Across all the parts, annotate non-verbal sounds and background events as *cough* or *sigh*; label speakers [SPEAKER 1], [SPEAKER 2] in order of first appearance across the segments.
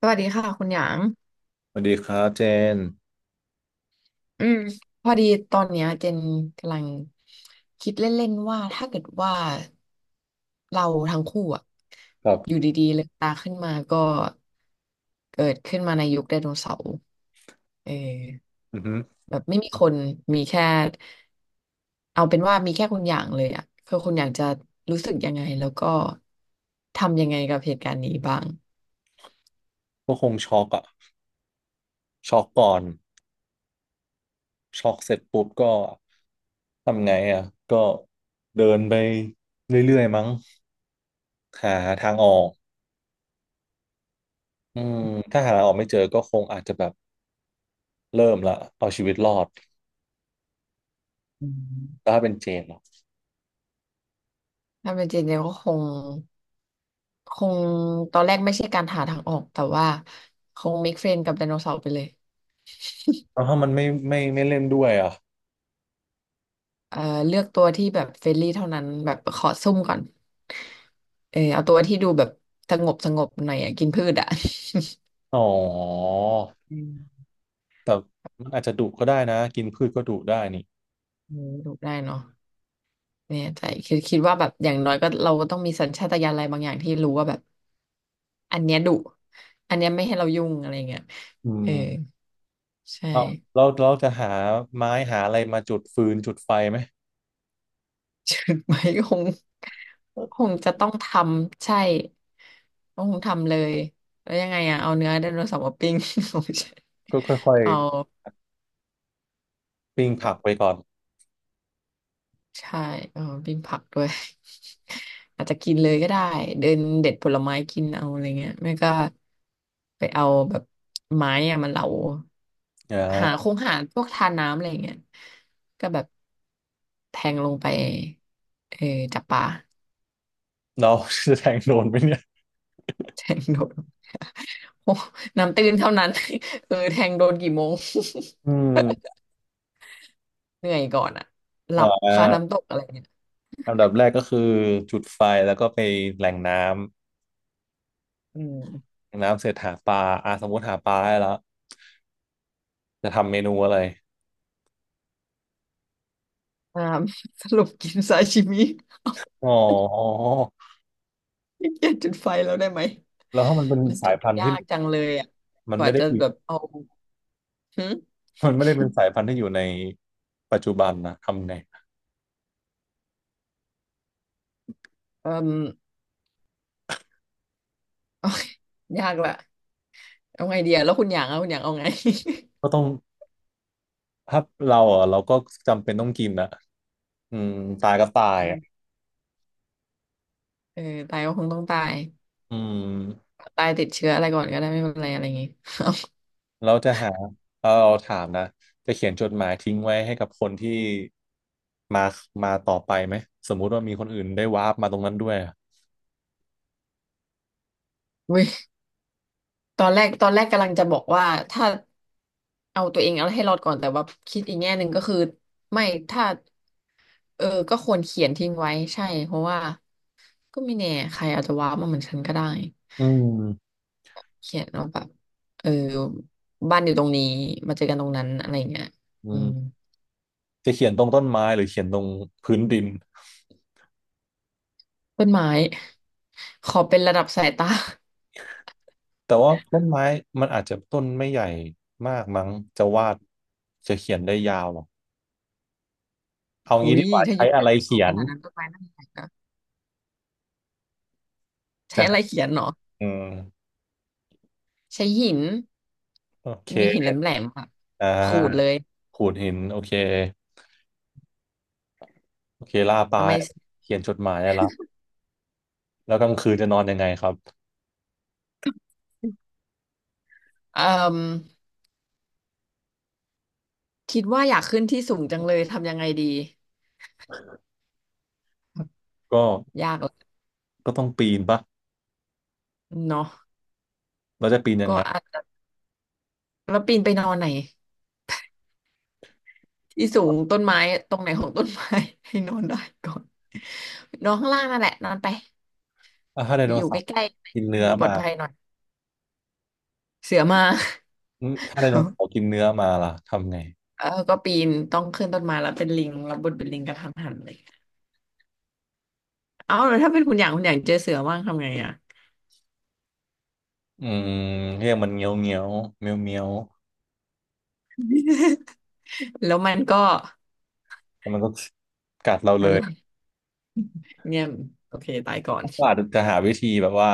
[SPEAKER 1] สวัสดีค่ะคุณหยาง
[SPEAKER 2] สวัสดีครับเจน
[SPEAKER 1] อืมพอดีตอนเนี้ยเจนกำลังคิดเล่นๆว่าถ้าเกิดว่าเราทั้งคู่อะ
[SPEAKER 2] ครั
[SPEAKER 1] อยู่
[SPEAKER 2] บ
[SPEAKER 1] ดีๆเลืมตาขึ้นมาก็เกิดขึ้นมาในยุคไดโนเสาร์เออ
[SPEAKER 2] อือฮึ
[SPEAKER 1] แบบไม่มีคนมีแค่เอาเป็นว่ามีแค่คุณหยางเลยอะคือคุณหยางจะรู้สึกยังไงแล้วก็ทำยังไงกับเหตุการณ์นี้บ้าง
[SPEAKER 2] ก็คงช็อกอะช็อกก่อนช็อกเสร็จปุ๊บก็ทำไงอะก็เดินไปเรื่อยๆมั้งหาทางออกอืมถ้าหาทางออกไม่เจอก็คงอาจจะแบบเริ่มละเอาชีวิตรอด
[SPEAKER 1] อื
[SPEAKER 2] แล้ว
[SPEAKER 1] ม
[SPEAKER 2] ถ้าเป็นเจนล่ะ
[SPEAKER 1] ถ้าเป็นเจนเจนก็คงตอนแรกไม่ใช่การหาทางออกแต่ว่าคง make friend กับไดโนเสาร์ไปเลย
[SPEAKER 2] แล้วถ้ามันไม่เล่นด้วยอะ
[SPEAKER 1] เอ่อเลือกตัวที่แบบเฟรนลี่เท่านั้นแบบขอซุ่มก่อนเออเอาตัวที่ดูแบบสงบสงบหน่อยอะกินพืชอ่ะ
[SPEAKER 2] อ๋อ
[SPEAKER 1] อืม
[SPEAKER 2] แต่มันอาจจะดุก็ได้นะกินพืชก็ดุได้นี่
[SPEAKER 1] เออดูได้เนาะเนี่ยใจคือคิดว่าแบบอย่างน้อยก็เราก็ต้องมีสัญชาตญาณอะไรบางอย่างที่รู้ว่าแบบอันเนี้ยดุอันเนี้ยไม่ให้เรายุ่งอะไรเงี้ย
[SPEAKER 2] อื
[SPEAKER 1] เออ
[SPEAKER 2] ม
[SPEAKER 1] ใช่
[SPEAKER 2] เราเราจะหาไม้หาอะไรมาจุดฟืนจุดไฟไหม
[SPEAKER 1] เชิง *laughs* ไหมคงคงจะต้องทำใช่ต้องทำเลยแล้วยังไงอ่ะเอาเนื้อไดโนเสาร์มาปิ้ง *laughs* โ
[SPEAKER 2] ก็ค่อย
[SPEAKER 1] อ
[SPEAKER 2] ปิ้งผักไปก่อน
[SPEAKER 1] เคเอาใช่เอาปิ้งผักด้วย *laughs* อาจจะกินเลยก็ได้เดินเด็ดผลไม้กินเอาอะไรเงี้ยไม่ก็ไปเอาแบบไม้อะมาเหลา
[SPEAKER 2] อ่
[SPEAKER 1] หาค
[SPEAKER 2] า
[SPEAKER 1] งหาพวกทาน้ำอะไรเงี้ยก็แบบแทงลงไปเออจับปลา *laughs*
[SPEAKER 2] เราจะแทงโดนไหมเนี่ย
[SPEAKER 1] แทงโดด *laughs* โอ้น้ำตื้นเท่านั้น *laughs* เออแทงโดนกี่โมง
[SPEAKER 2] อืม
[SPEAKER 1] *laughs* เหนื่อยก่อนอะหลั
[SPEAKER 2] อ่
[SPEAKER 1] บคา
[SPEAKER 2] า
[SPEAKER 1] น้ำตกอะไรเงี้ย
[SPEAKER 2] อันดับแรกก็คือจุดไฟแล้วก็ไปแหล่งน้ำ
[SPEAKER 1] อืม
[SPEAKER 2] แหล่งน้ำเสร็จหาปลาอ่าสมมติหาปลาได้แล้วจะทำเมนูอะไร
[SPEAKER 1] อ่า *laughs* สรุปกินซาชิมิ *laughs*
[SPEAKER 2] อ๋อ
[SPEAKER 1] ขี้เกียจจุดไฟแล้วได้ไหม
[SPEAKER 2] แล้วถ้ามันเป็น
[SPEAKER 1] มัน
[SPEAKER 2] สา
[SPEAKER 1] จุ
[SPEAKER 2] ย
[SPEAKER 1] ด
[SPEAKER 2] พันธุ์
[SPEAKER 1] ยา
[SPEAKER 2] ที่
[SPEAKER 1] กจังเลยอะ
[SPEAKER 2] มั
[SPEAKER 1] ก
[SPEAKER 2] นไม่
[SPEAKER 1] ว่า
[SPEAKER 2] ได้
[SPEAKER 1] จะ
[SPEAKER 2] อยู่
[SPEAKER 1] แบบเอาหึ
[SPEAKER 2] มันไม่ได้เป็นสายพันธุ์ที่อยู่ในปัจจุบันนะทำไง
[SPEAKER 1] เอ่ม *laughs* ยากละเอาไงเดียแล้วคุณอยากเอาคุณอยากเอาไง
[SPEAKER 2] ก็ต้องถ้าเราอ่ะเราก็จำเป็นต้องกินอ่ะอืมตายก็ตายอ่ะ
[SPEAKER 1] *laughs* เออตายก็คงต้องตาย
[SPEAKER 2] อืม
[SPEAKER 1] ตายติดเชื้ออะไรก่อนก็ได้ไม่เป็นไรอะไรอย่างงี้
[SPEAKER 2] เราจะหาเราถามนะจะเขียนจดหมายทิ้งไว้ให้กับคนที่มาต่อไปไหมสมมุติว่ามีคนอื่นได้วาร์ปมาตรงนั้นด้วยอะ
[SPEAKER 1] อุ้ยตอนแรกกำลังจะบอกว่าถ้า เอาตัวเองเอาให้รอดก่อนแต่ว่าคิดอีกแง่หนึ่งก็คือไม่ถ้าเออก็ควรเขียนทิ้งไว้ใช่เพราะว่าก็ไม่แน่ใครอาจจะว้าวมาเหมือนฉันก็ได้
[SPEAKER 2] อืม
[SPEAKER 1] เขียนเอาแบบเออบ้านอยู่ตรงนี้มาเจอกันตรงนั้นอะไรอย่างเงี้ย
[SPEAKER 2] อื
[SPEAKER 1] อืม
[SPEAKER 2] มจะเขียนตรงต้นไม้หรือเขียนตรงพื้นดิน
[SPEAKER 1] ต้นไม้ *laughs* ขอเป็นระดับสายตา *laughs*
[SPEAKER 2] แต่ว่าต้นไม้มันอาจจะต้นไม่ใหญ่มากมั้งจะวาดจะเขียนได้ยาวอะเอา
[SPEAKER 1] อุ้
[SPEAKER 2] งี้ดี
[SPEAKER 1] ย
[SPEAKER 2] กว่า
[SPEAKER 1] ถ้า
[SPEAKER 2] ใช้
[SPEAKER 1] ยุคได
[SPEAKER 2] อะไร
[SPEAKER 1] โนเสา
[SPEAKER 2] เขี
[SPEAKER 1] ร์
[SPEAKER 2] ย
[SPEAKER 1] ข
[SPEAKER 2] น
[SPEAKER 1] นาดนั้นต้นไม้น่าจะใหญ่นะใช้
[SPEAKER 2] จะ
[SPEAKER 1] อะไรเขียนเนาะ
[SPEAKER 2] อืม
[SPEAKER 1] ใช้หิน
[SPEAKER 2] โอเค
[SPEAKER 1] มีหินแหลมๆค่ะ
[SPEAKER 2] อ่
[SPEAKER 1] ขูดเล
[SPEAKER 2] า
[SPEAKER 1] ย
[SPEAKER 2] ขูดหินโอเคโอเคล่าปลา
[SPEAKER 1] ทำไม
[SPEAKER 2] เขียนจดหมายได้และแล้วกลางคืนจะนอนยังไงครับ
[SPEAKER 1] *laughs* เอ่อคิดว่าอยากขึ้นที่สูงจังเลยทำยังไงดี
[SPEAKER 2] ก็
[SPEAKER 1] ยากละ
[SPEAKER 2] ก็ต้องปีนปะ
[SPEAKER 1] เนาะ
[SPEAKER 2] เราจะปีนยัง
[SPEAKER 1] ก็
[SPEAKER 2] ไง
[SPEAKER 1] อาจจะแล้วปีนไปนอนไหนที่สูงต้นไม้ตรงไหนของต้นไม้ *laughs* ให้นอนได้ก่อนนอนข้างล่างนั่นแหละนอนไป
[SPEAKER 2] อ่ะถ้าได
[SPEAKER 1] ไป
[SPEAKER 2] โน
[SPEAKER 1] อยู่
[SPEAKER 2] เสา
[SPEAKER 1] ใก
[SPEAKER 2] ร์
[SPEAKER 1] ล้
[SPEAKER 2] กิน
[SPEAKER 1] ๆมั
[SPEAKER 2] เนื้
[SPEAKER 1] น
[SPEAKER 2] อ
[SPEAKER 1] ดูปลอดภัย
[SPEAKER 2] มา
[SPEAKER 1] หน่อยเสือมา
[SPEAKER 2] อืมถ้าไดโนเสา
[SPEAKER 1] *laughs*
[SPEAKER 2] ร์กินเนื้อมาล่ะ ทำไง
[SPEAKER 1] เออก็ปีนต้องขึ้นต้นไม้แล้วเป็นลิงแล้วบนเป็นลิงกระทันหันเลยเอ้าแล้วถ้าเป็นคุณอย่างเจอเสือว่างทำไงอ่ะ
[SPEAKER 2] อืมเรียกมันเงี้ยวเงี้ยวเมียวเมียว
[SPEAKER 1] *laughs* แล้วมันก็
[SPEAKER 2] แล้วมันก็กัดเราเล
[SPEAKER 1] นั่นแห
[SPEAKER 2] ย
[SPEAKER 1] ละเงียบโอเคตายก่อน
[SPEAKER 2] ก็อาจจะหาวิธีแบบว่า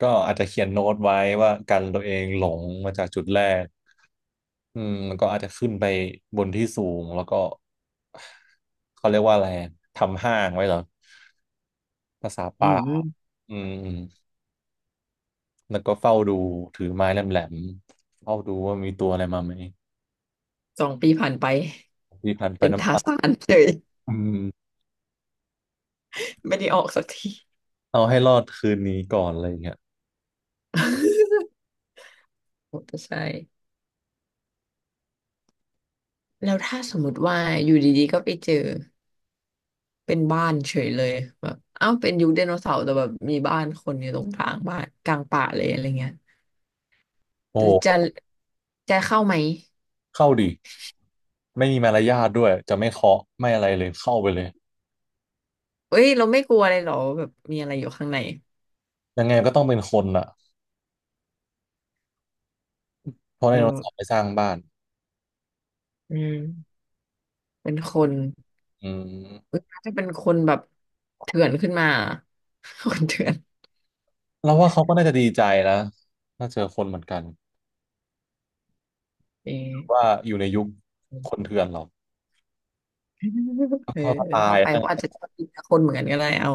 [SPEAKER 2] ก็อาจจะเขียนโน้ตไว้ว่ากันตัวเองหลงมาจากจุดแรกอืมมันก็อาจจะขึ้นไปบนที่สูงแล้วก็เขาเรียกว่าอะไรทำห้างไว้เหรอภาษา
[SPEAKER 1] อื
[SPEAKER 2] ป่า
[SPEAKER 1] ม
[SPEAKER 2] อืม แล้วก็เฝ้าดูถือไม้แหลมๆเฝ้าดูว่ามีตัวอะไรมาไหม
[SPEAKER 1] สองปีผ่านไป
[SPEAKER 2] ที่พันไป
[SPEAKER 1] เป็น
[SPEAKER 2] น้ำ
[SPEAKER 1] ทา
[SPEAKER 2] ตา
[SPEAKER 1] สานเลย
[SPEAKER 2] อืม
[SPEAKER 1] ไม่ได้ออกสักที
[SPEAKER 2] เอาให้รอดคืนนี้ก่อนอะไรอย่างเงี้ย
[SPEAKER 1] มอเตอร์ไซค์แล้วถ้าสมมติว่าอยู่ดีๆก็ไปเจอเป็นบ้านเฉยเลยแบบเอ้าเป็นยุคไดโนเสาร์แต่แบบมีบ้านคนอยู่ตรงกลางบ้านกลางป่าเลยอะไรเงี้ย
[SPEAKER 2] โอ้
[SPEAKER 1] จะ
[SPEAKER 2] โห
[SPEAKER 1] จะเข้าไหม
[SPEAKER 2] เข้าดิไม่มีมารยาทด้วยจะไม่เคาะไม่อะไรเลยเข้าไปเลย
[SPEAKER 1] เอ้ยเราไม่กลัวเลยเหรอแบบมีอะไรอยู่ข้างใน
[SPEAKER 2] ยังไงก็ต้องเป็นคนอ่ะเพราะได
[SPEAKER 1] เออ
[SPEAKER 2] โนเสาร์ไปสร้างบ้าน
[SPEAKER 1] อืมเป็นคน
[SPEAKER 2] อืม
[SPEAKER 1] เอ้ยถ้าเป็นคนแบบเถื่อนขึ้นมา *laughs* คนเถื่อน
[SPEAKER 2] เราว่าเขาก็น่าจะดีใจนะถ้าเจอคนเหมือนกัน
[SPEAKER 1] เออ
[SPEAKER 2] ว่าอยู่ในยุคคนเถื่อนหรอก
[SPEAKER 1] เออ
[SPEAKER 2] ก็ตา
[SPEAKER 1] เข้า
[SPEAKER 2] ย
[SPEAKER 1] ไปเขาอาจ
[SPEAKER 2] นะ
[SPEAKER 1] จะชอบกินคนเหมือนกันก็ได้เอา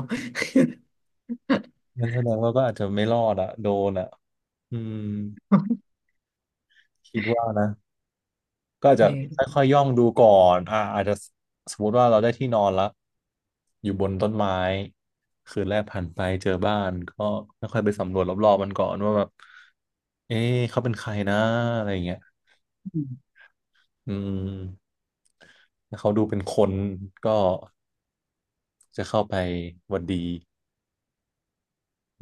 [SPEAKER 2] นั่นแสดงว่าก็อาจจะไม่รอดอ่ะโดนอ่ะอืมคิดว่านะ ก็อาจจะค่อย
[SPEAKER 1] *laughs*
[SPEAKER 2] ๆย่องดูก่อนอ่าอาจจะสมมติว่าเราได้ที่นอนแล้วอยู่บนต้นไม้คืนแรกผ่านไปเจอบ้านก็ค่อยๆไปสำรวจรอบๆมันก่อนว่าแบบเอ๊ะเขาเป็นใครนะอะไรอย่างเงี้ย
[SPEAKER 1] เออ
[SPEAKER 2] อืมถ้าเขาดูเป็นคนก็จะเข้าไปหวัดดี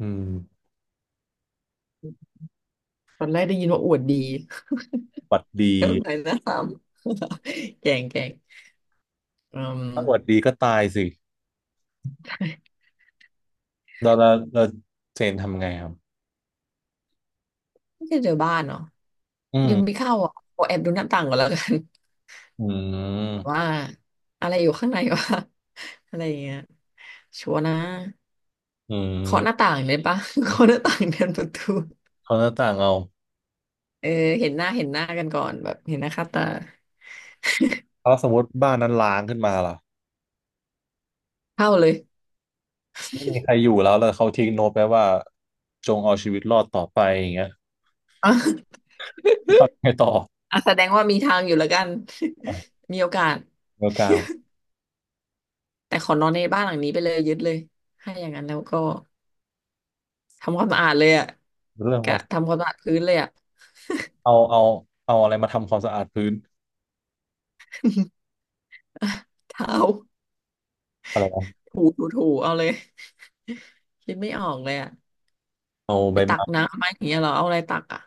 [SPEAKER 2] อืม
[SPEAKER 1] ตอนแรกได้ยินว่าอวดดี
[SPEAKER 2] หวัดดี
[SPEAKER 1] *laughs* แล้วไหนนะสาม *laughs* แกงแกงอืม
[SPEAKER 2] ถ้าหวัดดีก็ตายสิเราเราเราเจนทำไงครับ
[SPEAKER 1] ไม่ใช่เจอบ้านเนาะ
[SPEAKER 2] อื
[SPEAKER 1] ยังไม่
[SPEAKER 2] ม
[SPEAKER 1] เข้าอ่ะขอแอบดูหน้าต่างก่อนแล้วกัน
[SPEAKER 2] อื
[SPEAKER 1] *laughs* ว่า
[SPEAKER 2] ม
[SPEAKER 1] อะไรอยู่ข้างในวะ *laughs* อะไรอย่างเงี้ยชัวร์นะ
[SPEAKER 2] อื
[SPEAKER 1] เคาะหน้า
[SPEAKER 2] ม
[SPEAKER 1] ต่างเลยปะ *laughs* เคาะหน้าต่างเดินประตู
[SPEAKER 2] เขาหน้าต่างเอา
[SPEAKER 1] เออเห็นหน้าเห็นหน้ากันก่อนแบบเห็นหน้าค่าตา
[SPEAKER 2] แล้วสมมติบ้านนั้นล้างขึ้นมาล่ะ
[SPEAKER 1] เข้าเลย
[SPEAKER 2] ไม่มีใครอยู่แล้วแล้วเขาทิ้งโน้ตไปว่าจงเอาชีวิตรอดต่อไปอย่างเงี้ย
[SPEAKER 1] *laughs* อ่ะ
[SPEAKER 2] ทำยังไงต่อ
[SPEAKER 1] อ่ะแสดงว่ามีทางอยู่แล้วกัน *laughs* มีโอกาส
[SPEAKER 2] เรื่องการ
[SPEAKER 1] แต่ขอนอนในบ้านหลังนี้ไปเลยยึดเลยให้าอย่างนั้นแล้วก็ ทำความสะอาดเลยอ่ะ
[SPEAKER 2] เรื่องค
[SPEAKER 1] กะ
[SPEAKER 2] วาม
[SPEAKER 1] ทำความสะอาดพื้นเลยอ่ะ
[SPEAKER 2] เอาเอาเอาอะไรมาทำความสะอาดพื้น
[SPEAKER 1] *laughs* อ่ะเท้า
[SPEAKER 2] อะไรวะ
[SPEAKER 1] ถูเอาเลยคิดไม่ออกเลยอ่ะ
[SPEAKER 2] เอา
[SPEAKER 1] ไป
[SPEAKER 2] ใบ
[SPEAKER 1] ตัก
[SPEAKER 2] ไม้
[SPEAKER 1] น้ำไหมาอย่างเงี้ยเหรอเอาอะไรตักอ่ะ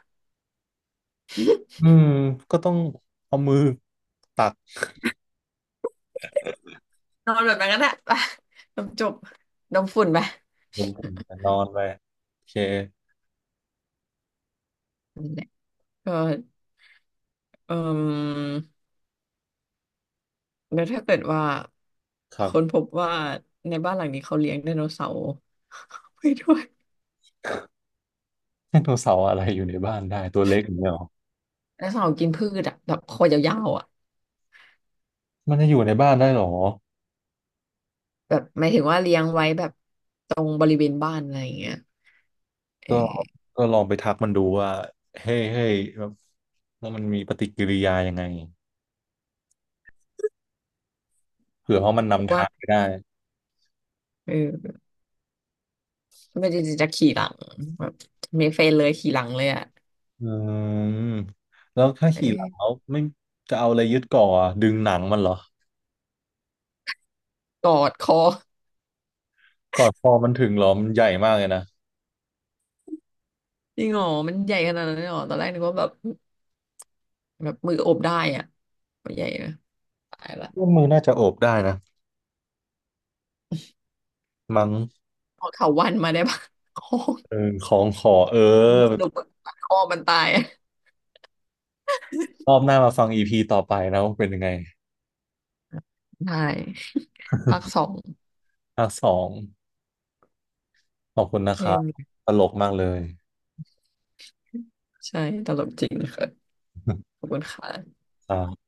[SPEAKER 2] อืมก็ต้องเอามือตัก
[SPEAKER 1] นอนแบบนั้นก็ได้ไปจบจบดมฝุ่นไป
[SPEAKER 2] ลงถึงแต่นอนไปโอเค
[SPEAKER 1] นั่นแหละก็เออแล้วถ้าเกิดว่า
[SPEAKER 2] ครั
[SPEAKER 1] คนพ
[SPEAKER 2] บ
[SPEAKER 1] บว่าในบ้านหลังนี้เขาเลี้ยงไดโนเสาร์ *laughs* ไปด้วย
[SPEAKER 2] ไดโนเสาร์อะไรอยู่ในบ้านได้ตัวเล็กอย่างเงี้ยหรอ
[SPEAKER 1] ไดโนเสาร์กินพืชอ่ะแบบคอยาวๆอ่ะ
[SPEAKER 2] มันจะอยู่ในบ้านได้หรอ
[SPEAKER 1] แบบหมายถึงว่าเลี้ยงไว้แบบตรงบริเวณบ้านอะไรอย่างเงี้ยเอ
[SPEAKER 2] ก็
[SPEAKER 1] อ
[SPEAKER 2] ก็ลองไปทักมันดูว่าเฮ้ยเฮ้ยแบบแล้ว่ามันมีปฏิกิริยายังไงเผื่อว่าะมันนำ
[SPEAKER 1] ว่า
[SPEAKER 2] ทางไปได้
[SPEAKER 1] เออ ไม่ได้จะขี่หลังแบบมีเฟนเลยขี่หลังเลยอ่ะ
[SPEAKER 2] อืมแล้วถ้า
[SPEAKER 1] เอ้
[SPEAKER 2] ขี่หลั
[SPEAKER 1] ย
[SPEAKER 2] งแล้วไม่จะเอาอะไรยึดก่ออะดึงหนังมันเหรอ
[SPEAKER 1] กอดคอ
[SPEAKER 2] ก่อนคอมันถึงเหรอมันใหญ่มากเลยนะ
[SPEAKER 1] จริงเหรอมันใหญ่ขนาดนั้นเลยเหรอตอนแรกนึกว่าแบบแบบมือโอบได้อ่ะมันใหญ่นะตายละ
[SPEAKER 2] ว่ามือน่าจะโอบได้นะมั้ง
[SPEAKER 1] เอาเถาวัลย์มาได้ปะค *laughs* อ
[SPEAKER 2] เออของขอเออ
[SPEAKER 1] สรุปว่าคอมันตายอะ
[SPEAKER 2] รอบหน้ามาฟังอีพีต่อไปนะว่าเป็นยังไง
[SPEAKER 1] ได้ภาคสอ
[SPEAKER 2] *laughs*
[SPEAKER 1] ง
[SPEAKER 2] ภาคสองขอบคุณนะ
[SPEAKER 1] เอ
[SPEAKER 2] ครับ
[SPEAKER 1] ม
[SPEAKER 2] ตลกมากเลย
[SPEAKER 1] ใช่ตลกจริงค่ะขอ
[SPEAKER 2] *laughs*
[SPEAKER 1] บคุณค่ะ
[SPEAKER 2] ครับ